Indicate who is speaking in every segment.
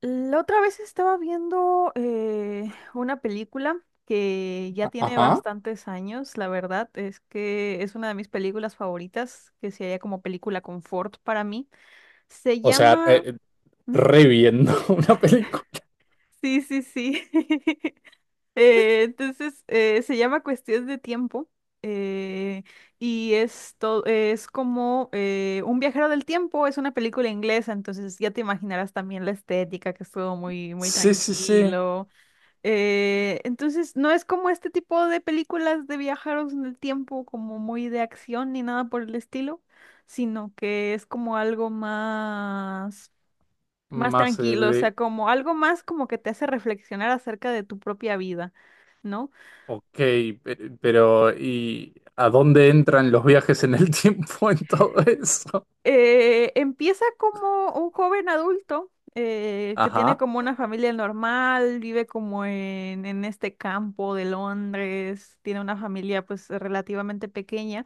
Speaker 1: La otra vez estaba viendo una película que ya tiene
Speaker 2: Ajá.
Speaker 1: bastantes años, la verdad es que es una de mis películas favoritas, que se halla como película confort para mí. Se
Speaker 2: O sea,
Speaker 1: llama... ¿Mm?
Speaker 2: reviendo una película.
Speaker 1: Sí, sí, sí. Se llama Cuestión de Tiempo eh, y es, es como un viajero del tiempo, es una película inglesa, entonces ya te imaginarás también la estética, que es todo muy, muy
Speaker 2: Sí, sí, sí.
Speaker 1: tranquilo. No es como este tipo de películas de viajeros en el tiempo, como muy de acción ni nada por el estilo, sino que es como algo más, más
Speaker 2: Más
Speaker 1: tranquilo, o
Speaker 2: de...
Speaker 1: sea, como algo más como que te hace reflexionar acerca de tu propia vida, ¿no?
Speaker 2: Ok, pero ¿y a dónde entran los viajes en el tiempo en todo eso?
Speaker 1: Empieza como un joven adulto. Que tiene
Speaker 2: Ajá.
Speaker 1: como una familia normal, vive como en este campo de Londres, tiene una familia pues relativamente pequeña.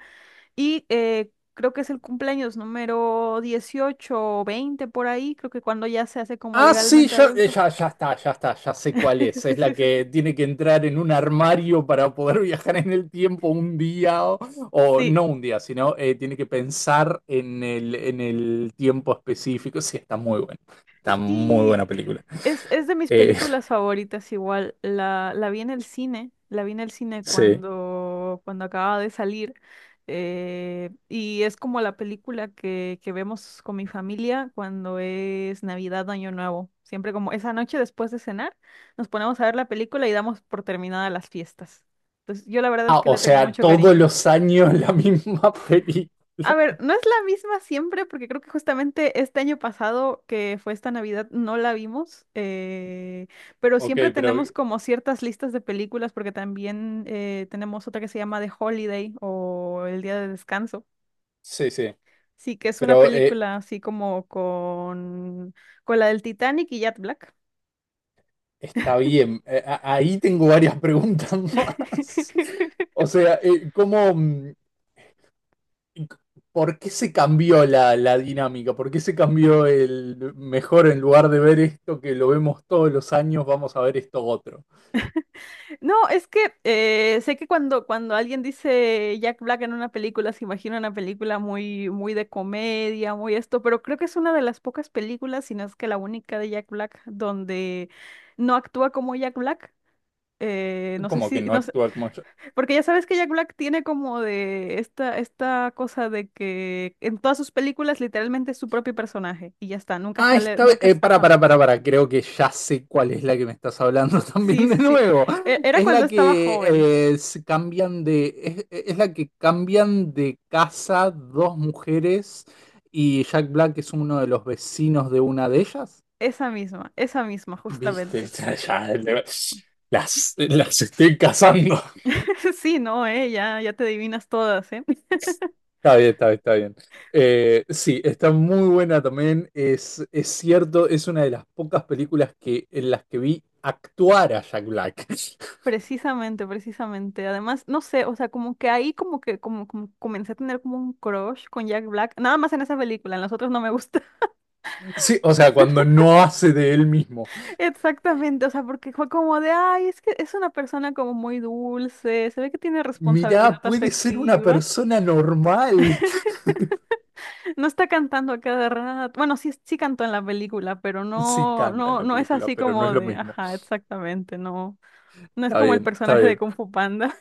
Speaker 1: Y creo que es el cumpleaños número 18 o 20 por ahí, creo que cuando ya se hace como
Speaker 2: Ah, sí,
Speaker 1: legalmente
Speaker 2: ya,
Speaker 1: adulto.
Speaker 2: ya, ya está, ya está, ya sé cuál es. Es la que tiene que entrar en un armario para poder viajar en el tiempo un día, o
Speaker 1: Sí,
Speaker 2: no un día, sino tiene que pensar en el tiempo específico. Sí, está muy buena. Está muy
Speaker 1: sí.
Speaker 2: buena película.
Speaker 1: Es de mis
Speaker 2: Eh,
Speaker 1: películas favoritas igual. La vi en el cine, la vi en el cine
Speaker 2: Sí.
Speaker 1: cuando acababa de salir. Y es como la película que vemos con mi familia cuando es Navidad, Año Nuevo. Siempre como esa noche después de cenar, nos ponemos a ver la película y damos por terminada las fiestas. Entonces, yo la verdad es
Speaker 2: Ah,
Speaker 1: que
Speaker 2: o
Speaker 1: le tengo
Speaker 2: sea,
Speaker 1: mucho
Speaker 2: todos
Speaker 1: cariño.
Speaker 2: los años la misma película.
Speaker 1: A ver, no es la misma siempre, porque creo que justamente este año pasado, que fue esta Navidad, no la vimos, pero
Speaker 2: Ok,
Speaker 1: siempre
Speaker 2: pero
Speaker 1: tenemos como ciertas listas de películas, porque también tenemos otra que se llama The Holiday o El Día de Descanso.
Speaker 2: sí, sí.
Speaker 1: Sí, que es una
Speaker 2: Pero
Speaker 1: película así como con la del Titanic y Jack Black.
Speaker 2: está bien. Ahí tengo varias preguntas más. O sea, ¿cómo, c- por qué se cambió la, la dinámica? ¿Por qué se cambió el mejor en lugar de ver esto que lo vemos todos los años, vamos a ver esto otro?
Speaker 1: No, es que sé que cuando alguien dice Jack Black en una película, se imagina una película muy, muy de comedia, muy esto, pero creo que es una de las pocas películas, si no es que la única de Jack Black, donde no actúa como Jack Black. No sé
Speaker 2: Como que
Speaker 1: si,
Speaker 2: no
Speaker 1: no sé,
Speaker 2: actúa como.
Speaker 1: porque ya sabes que Jack Black tiene como de esta, esta cosa de que en todas sus películas literalmente es su propio personaje y ya está, nunca
Speaker 2: Ah,
Speaker 1: sale,
Speaker 2: esta vez,
Speaker 1: nunca, ajá,
Speaker 2: para, creo que ya sé cuál es la que me estás hablando
Speaker 1: sí,
Speaker 2: también de
Speaker 1: sí, sí.
Speaker 2: nuevo.
Speaker 1: Era
Speaker 2: Es
Speaker 1: cuando
Speaker 2: la
Speaker 1: estaba
Speaker 2: que
Speaker 1: joven,
Speaker 2: se cambian de, es la que cambian de casa dos mujeres y Jack Black es uno de los vecinos de una de ellas.
Speaker 1: esa misma,
Speaker 2: Viste,
Speaker 1: justamente.
Speaker 2: ya, ya, las estoy cazando.
Speaker 1: Sí, no, ya, ya te adivinas todas, ¿eh?
Speaker 2: Está bien, está bien, está bien. Sí, está muy buena también. Es cierto, es una de las pocas películas que, en las que vi actuar a Jack Black.
Speaker 1: Precisamente, precisamente. Además, no sé, o sea, como que ahí como que como, como comencé a tener como un crush con Jack Black, nada más en esa película, en las otras no me gusta.
Speaker 2: Sí, o sea, cuando no hace de él mismo.
Speaker 1: Exactamente, o sea, porque fue como de, ay, es que es una persona como muy dulce, se ve que tiene responsabilidad
Speaker 2: Mirá, puede ser una
Speaker 1: afectiva,
Speaker 2: persona normal.
Speaker 1: no está cantando a cada rato. Bueno, sí, sí cantó en la película, pero
Speaker 2: Sí,
Speaker 1: no,
Speaker 2: canta en
Speaker 1: no,
Speaker 2: la
Speaker 1: no es
Speaker 2: película,
Speaker 1: así
Speaker 2: pero no es
Speaker 1: como
Speaker 2: lo
Speaker 1: de,
Speaker 2: mismo.
Speaker 1: ajá, exactamente, no, no es
Speaker 2: Está
Speaker 1: como el
Speaker 2: bien, está
Speaker 1: personaje de
Speaker 2: bien.
Speaker 1: Kung Fu Panda.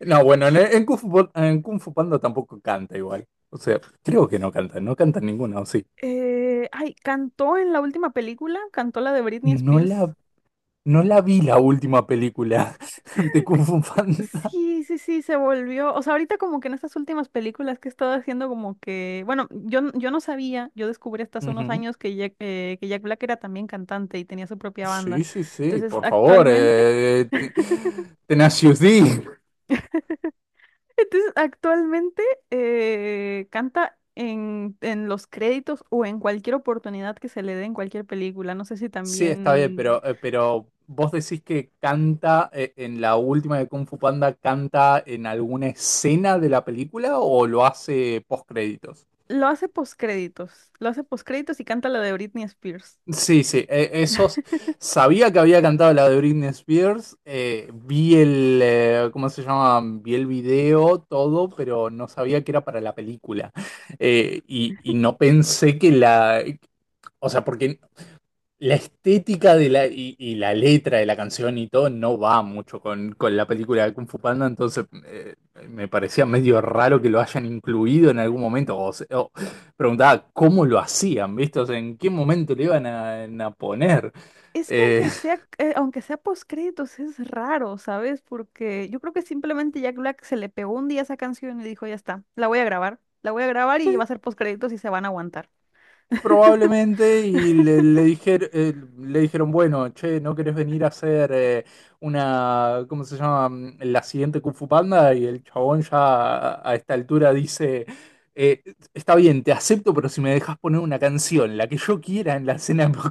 Speaker 2: No, bueno, en Kung Fu, en Kung Fu Panda tampoco canta igual. O sea, creo que no canta, no canta ninguna, o sí.
Speaker 1: Ay, cantó en la última película, cantó la de Britney
Speaker 2: No la.
Speaker 1: Spears.
Speaker 2: No la vi la última película de Kung Fu Panda.
Speaker 1: Sí, sí, sí, se volvió. O sea, ahorita como que en estas últimas películas que he estado haciendo como que, bueno, yo, yo no sabía, yo descubrí hasta hace unos
Speaker 2: Ujú.
Speaker 1: años que Jack Black era también cantante y tenía su propia banda.
Speaker 2: Sí, sí, sí,
Speaker 1: Entonces,
Speaker 2: por favor.
Speaker 1: actualmente,
Speaker 2: Tenacious D.
Speaker 1: entonces, actualmente canta en los créditos o en cualquier oportunidad que se le dé en cualquier película. No sé si
Speaker 2: Sí, está bien,
Speaker 1: también
Speaker 2: pero vos decís que canta en la última de Kung Fu Panda, ¿canta en alguna escena de la película o lo hace post créditos?
Speaker 1: lo hace postcréditos. Lo hace postcréditos y canta la de Britney Spears.
Speaker 2: Sí, sí, esos. Sabía que había cantado la de Britney Spears. Eh, vi el. Eh, ¿cómo se llama? Vi el video, todo, pero no sabía que era para la película. Y no pensé que la. O sea, porque la estética de la, y la letra de la canción y todo no va mucho con la película de Kung Fu Panda, entonces me parecía medio raro que lo hayan incluido en algún momento. O preguntaba cómo lo hacían, ¿viste? O sea, en qué momento le iban a poner.
Speaker 1: Es que
Speaker 2: Eh,
Speaker 1: aunque sea postcréditos, es raro, ¿sabes? Porque yo creo que simplemente Jack Black se le pegó un día esa canción y dijo, ya está, la voy a grabar. La voy a grabar y va a ser postcréditos y se van a aguantar.
Speaker 2: Probablemente, y le, le dijeron, bueno, che, ¿no querés venir a hacer una, ¿cómo se llama? La siguiente Kung Fu Panda, y el chabón ya a esta altura dice, eh, está bien, te acepto, pero si me dejas poner una canción, la que yo quiera en la escena de los.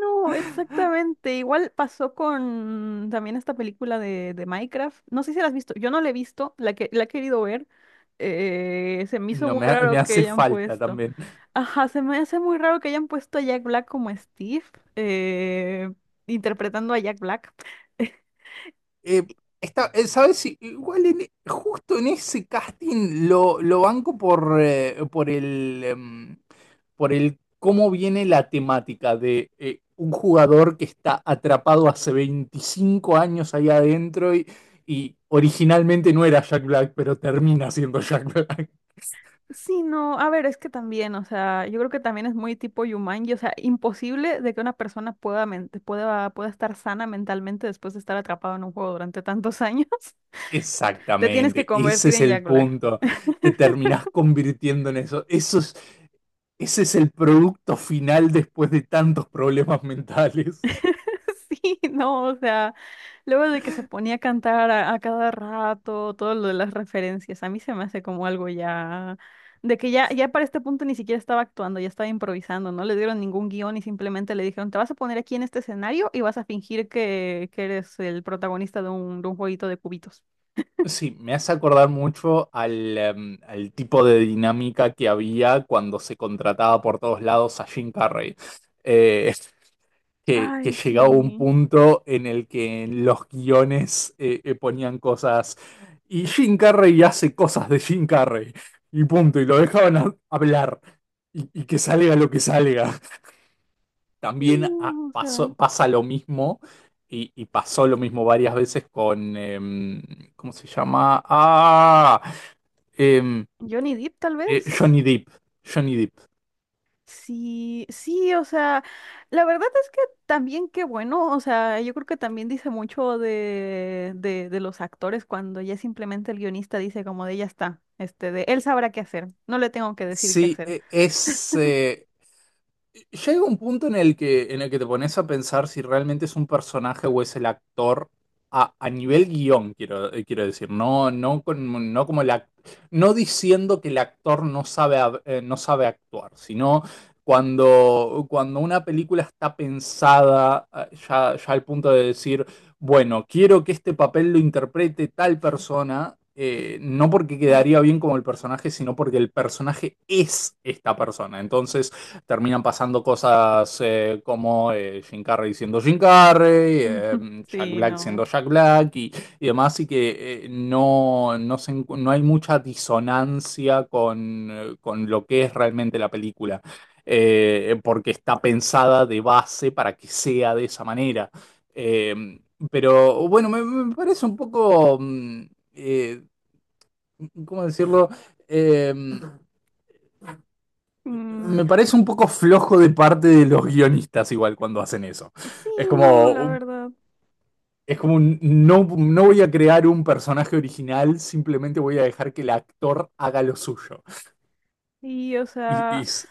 Speaker 1: No, exactamente. Igual pasó con también esta película de Minecraft. No sé si la has visto. Yo no la he visto, la que la he querido ver. Se me hizo
Speaker 2: No,
Speaker 1: muy
Speaker 2: me, me
Speaker 1: raro que
Speaker 2: hace
Speaker 1: hayan
Speaker 2: falta
Speaker 1: puesto.
Speaker 2: también.
Speaker 1: Ajá, se me hace muy raro que hayan puesto a Jack Black como Steve, eh, interpretando a Jack Black.
Speaker 2: Eh, está, ¿sabes? Si igual en justo en ese casting lo banco por el, por el cómo viene la temática de un jugador que está atrapado hace 25 años ahí adentro y originalmente no era Jack Black, pero termina siendo Jack Black.
Speaker 1: Sí, no, a ver, es que también, o sea, yo creo que también es muy tipo Yumanji, o sea, imposible de que una persona pueda, pueda, pueda estar sana mentalmente después de estar atrapado en un juego durante tantos años. Te tienes que
Speaker 2: Exactamente, ese
Speaker 1: convertir
Speaker 2: es
Speaker 1: en
Speaker 2: el
Speaker 1: Jack Black.
Speaker 2: punto. Te terminás convirtiendo en eso. Eso es, ese es el producto final después de tantos problemas mentales.
Speaker 1: Sí, no, o sea. Luego de que se ponía a cantar a cada rato, todo lo de las referencias, a mí se me hace como algo ya, de que ya, ya para este punto ni siquiera estaba actuando, ya estaba improvisando, no le dieron ningún guión y simplemente le dijeron, te vas a poner aquí en este escenario y vas a fingir que eres el protagonista de un jueguito de cubitos.
Speaker 2: Sí, me hace acordar mucho al, al tipo de dinámica que había cuando se contrataba por todos lados a Jim Carrey. Eh, que
Speaker 1: Ay,
Speaker 2: llegaba un
Speaker 1: sí.
Speaker 2: punto en el que en los guiones ponían cosas y Jim Carrey hace cosas de Jim Carrey y punto, y lo dejaban hablar y que salga lo que salga. También ah,
Speaker 1: No, o sea,
Speaker 2: pasa lo mismo y pasó lo mismo varias veces con, ¿cómo se llama? Ah, em,
Speaker 1: Johnny Depp tal vez.
Speaker 2: Johnny Depp. Johnny Depp.
Speaker 1: Sí, sí, o sea, la verdad es que también qué bueno, o sea, yo creo que también dice mucho de los actores cuando ya simplemente el guionista dice como de ya está, este, de él sabrá qué hacer, no le tengo que decir qué
Speaker 2: Sí,
Speaker 1: hacer.
Speaker 2: es... llega un punto en el que te pones a pensar si realmente es un personaje o es el actor a nivel guión, quiero, quiero decir, no, no, no como la. No diciendo que el actor no sabe, no sabe actuar, sino cuando, cuando una película está pensada ya, ya al punto de decir, bueno, quiero que este papel lo interprete tal persona, no porque quedaría bien como el personaje, sino porque el personaje es esta persona. Entonces terminan pasando cosas como Jim Carrey siendo Jim Carrey,
Speaker 1: Ujú.
Speaker 2: Jack
Speaker 1: Sí,
Speaker 2: Black
Speaker 1: no.
Speaker 2: siendo Jack Black y demás, y que no, no, se. No hay mucha disonancia con lo que es realmente la película. Eh, porque está pensada de base para que sea de esa manera. Eh, pero bueno, me parece un poco, eh, ¿cómo decirlo? Eh,
Speaker 1: Mm,
Speaker 2: me parece un poco flojo de parte de los guionistas igual cuando hacen eso.
Speaker 1: sí,
Speaker 2: Es
Speaker 1: no,
Speaker 2: como,
Speaker 1: la verdad.
Speaker 2: es como no, no voy a crear un personaje original, simplemente voy a dejar que el actor haga lo suyo.
Speaker 1: Y, o
Speaker 2: Y,
Speaker 1: sea,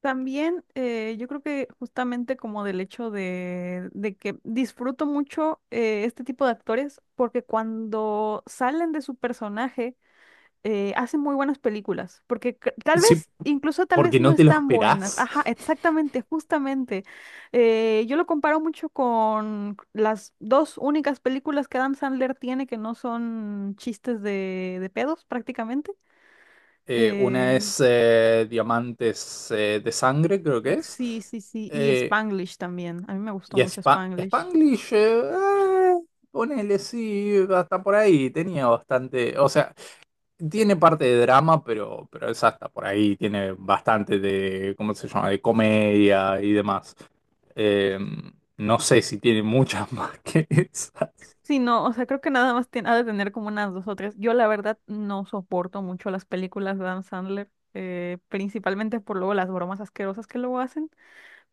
Speaker 1: también yo creo que justamente como del hecho de que disfruto mucho este tipo de actores porque cuando salen de su personaje, hace muy buenas películas, porque tal
Speaker 2: sí,
Speaker 1: vez, incluso tal vez
Speaker 2: porque
Speaker 1: no
Speaker 2: no te lo
Speaker 1: están buenas.
Speaker 2: esperás.
Speaker 1: Ajá, exactamente, justamente. Yo lo comparo mucho con las dos únicas películas que Adam Sandler tiene que no son chistes de pedos prácticamente.
Speaker 2: Una
Speaker 1: Eh,
Speaker 2: es Diamantes de Sangre, creo que es.
Speaker 1: sí, sí, sí, y
Speaker 2: Eh,
Speaker 1: Spanglish también. A mí me gustó
Speaker 2: Y
Speaker 1: mucho Spanglish.
Speaker 2: Spanglish, ah, ponele, sí, hasta por ahí, tenía bastante, o sea, tiene parte de drama, pero es hasta por ahí, tiene bastante de, ¿cómo se llama?, de comedia y demás. Eh, no sé si tiene muchas más que esas.
Speaker 1: Sí, no, o sea, creo que nada más tiene, ha de tener como unas dos o tres. Yo la verdad no soporto mucho las películas de Adam Sandler, principalmente por luego las bromas asquerosas que luego hacen,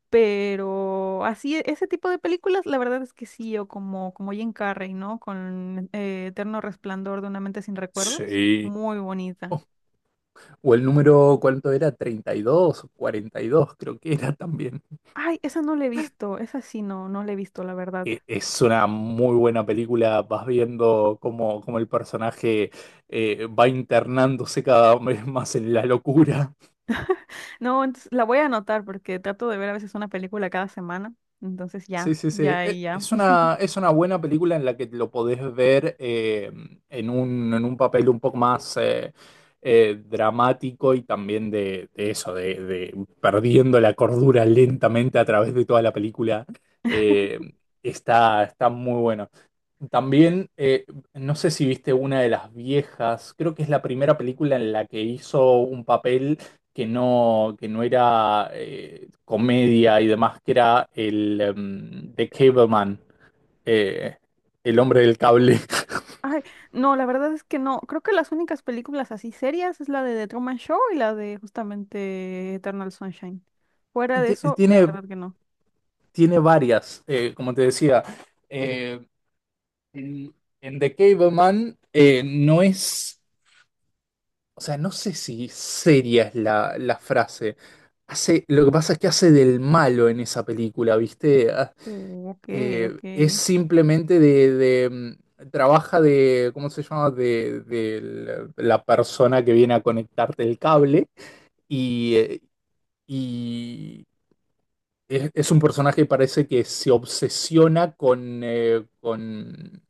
Speaker 1: pero así, ese tipo de películas, la verdad es que sí, o como, como Jim Carrey, ¿no? Con Eterno Resplandor de una mente sin recuerdos,
Speaker 2: Sí.
Speaker 1: muy bonita.
Speaker 2: O el número, ¿cuánto era? 32 o 42 creo que era también.
Speaker 1: Ay, esa no la he visto, esa sí no, no la he visto, la verdad.
Speaker 2: Es una muy buena película, vas viendo cómo, cómo el personaje va internándose cada vez más en la locura.
Speaker 1: No, entonces la voy a anotar porque trato de ver a veces una película cada semana, entonces
Speaker 2: Sí,
Speaker 1: ya,
Speaker 2: sí, sí.
Speaker 1: ya, y ya.
Speaker 2: Es una buena película en la que lo podés ver en un papel un poco más dramático y también de eso, de perdiendo la cordura lentamente a través de toda la película. Eh, está, está muy bueno. También, no sé si viste una de las viejas, creo que es la primera película en la que hizo un papel que no era comedia y demás, que era el The Cableman, eh, el hombre del cable.
Speaker 1: Ay, no, la verdad es que no. Creo que las únicas películas así serias es la de The Truman Show y la de justamente Eternal Sunshine. Fuera de eso, la
Speaker 2: Tiene,
Speaker 1: verdad que no.
Speaker 2: tiene varias, como te decía. Eh, en, en The Cableman no es, o sea, no sé si seria es la, la frase. Hace, lo que pasa es que hace del malo en esa película, ¿viste? Ah,
Speaker 1: Ok, ok.
Speaker 2: es simplemente de, trabaja de, ¿cómo se llama? De la persona que viene a conectarte el cable y, eh, y es un personaje que parece que se obsesiona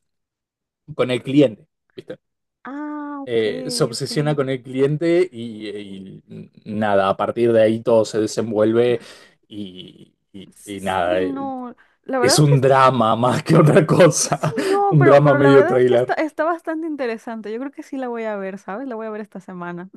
Speaker 2: con el cliente, ¿viste?
Speaker 1: Ah, ok,
Speaker 2: Se
Speaker 1: ok.
Speaker 2: obsesiona con el cliente y nada, a partir de ahí todo se desenvuelve y,
Speaker 1: S-
Speaker 2: y nada,
Speaker 1: Sí, no. La verdad
Speaker 2: es
Speaker 1: es que
Speaker 2: un drama más que otra
Speaker 1: sí,
Speaker 2: cosa.
Speaker 1: no,
Speaker 2: Un drama
Speaker 1: pero la
Speaker 2: medio
Speaker 1: verdad es que está,
Speaker 2: trailer.
Speaker 1: está bastante interesante. Yo creo que sí la voy a ver, ¿sabes? La voy a ver esta semana.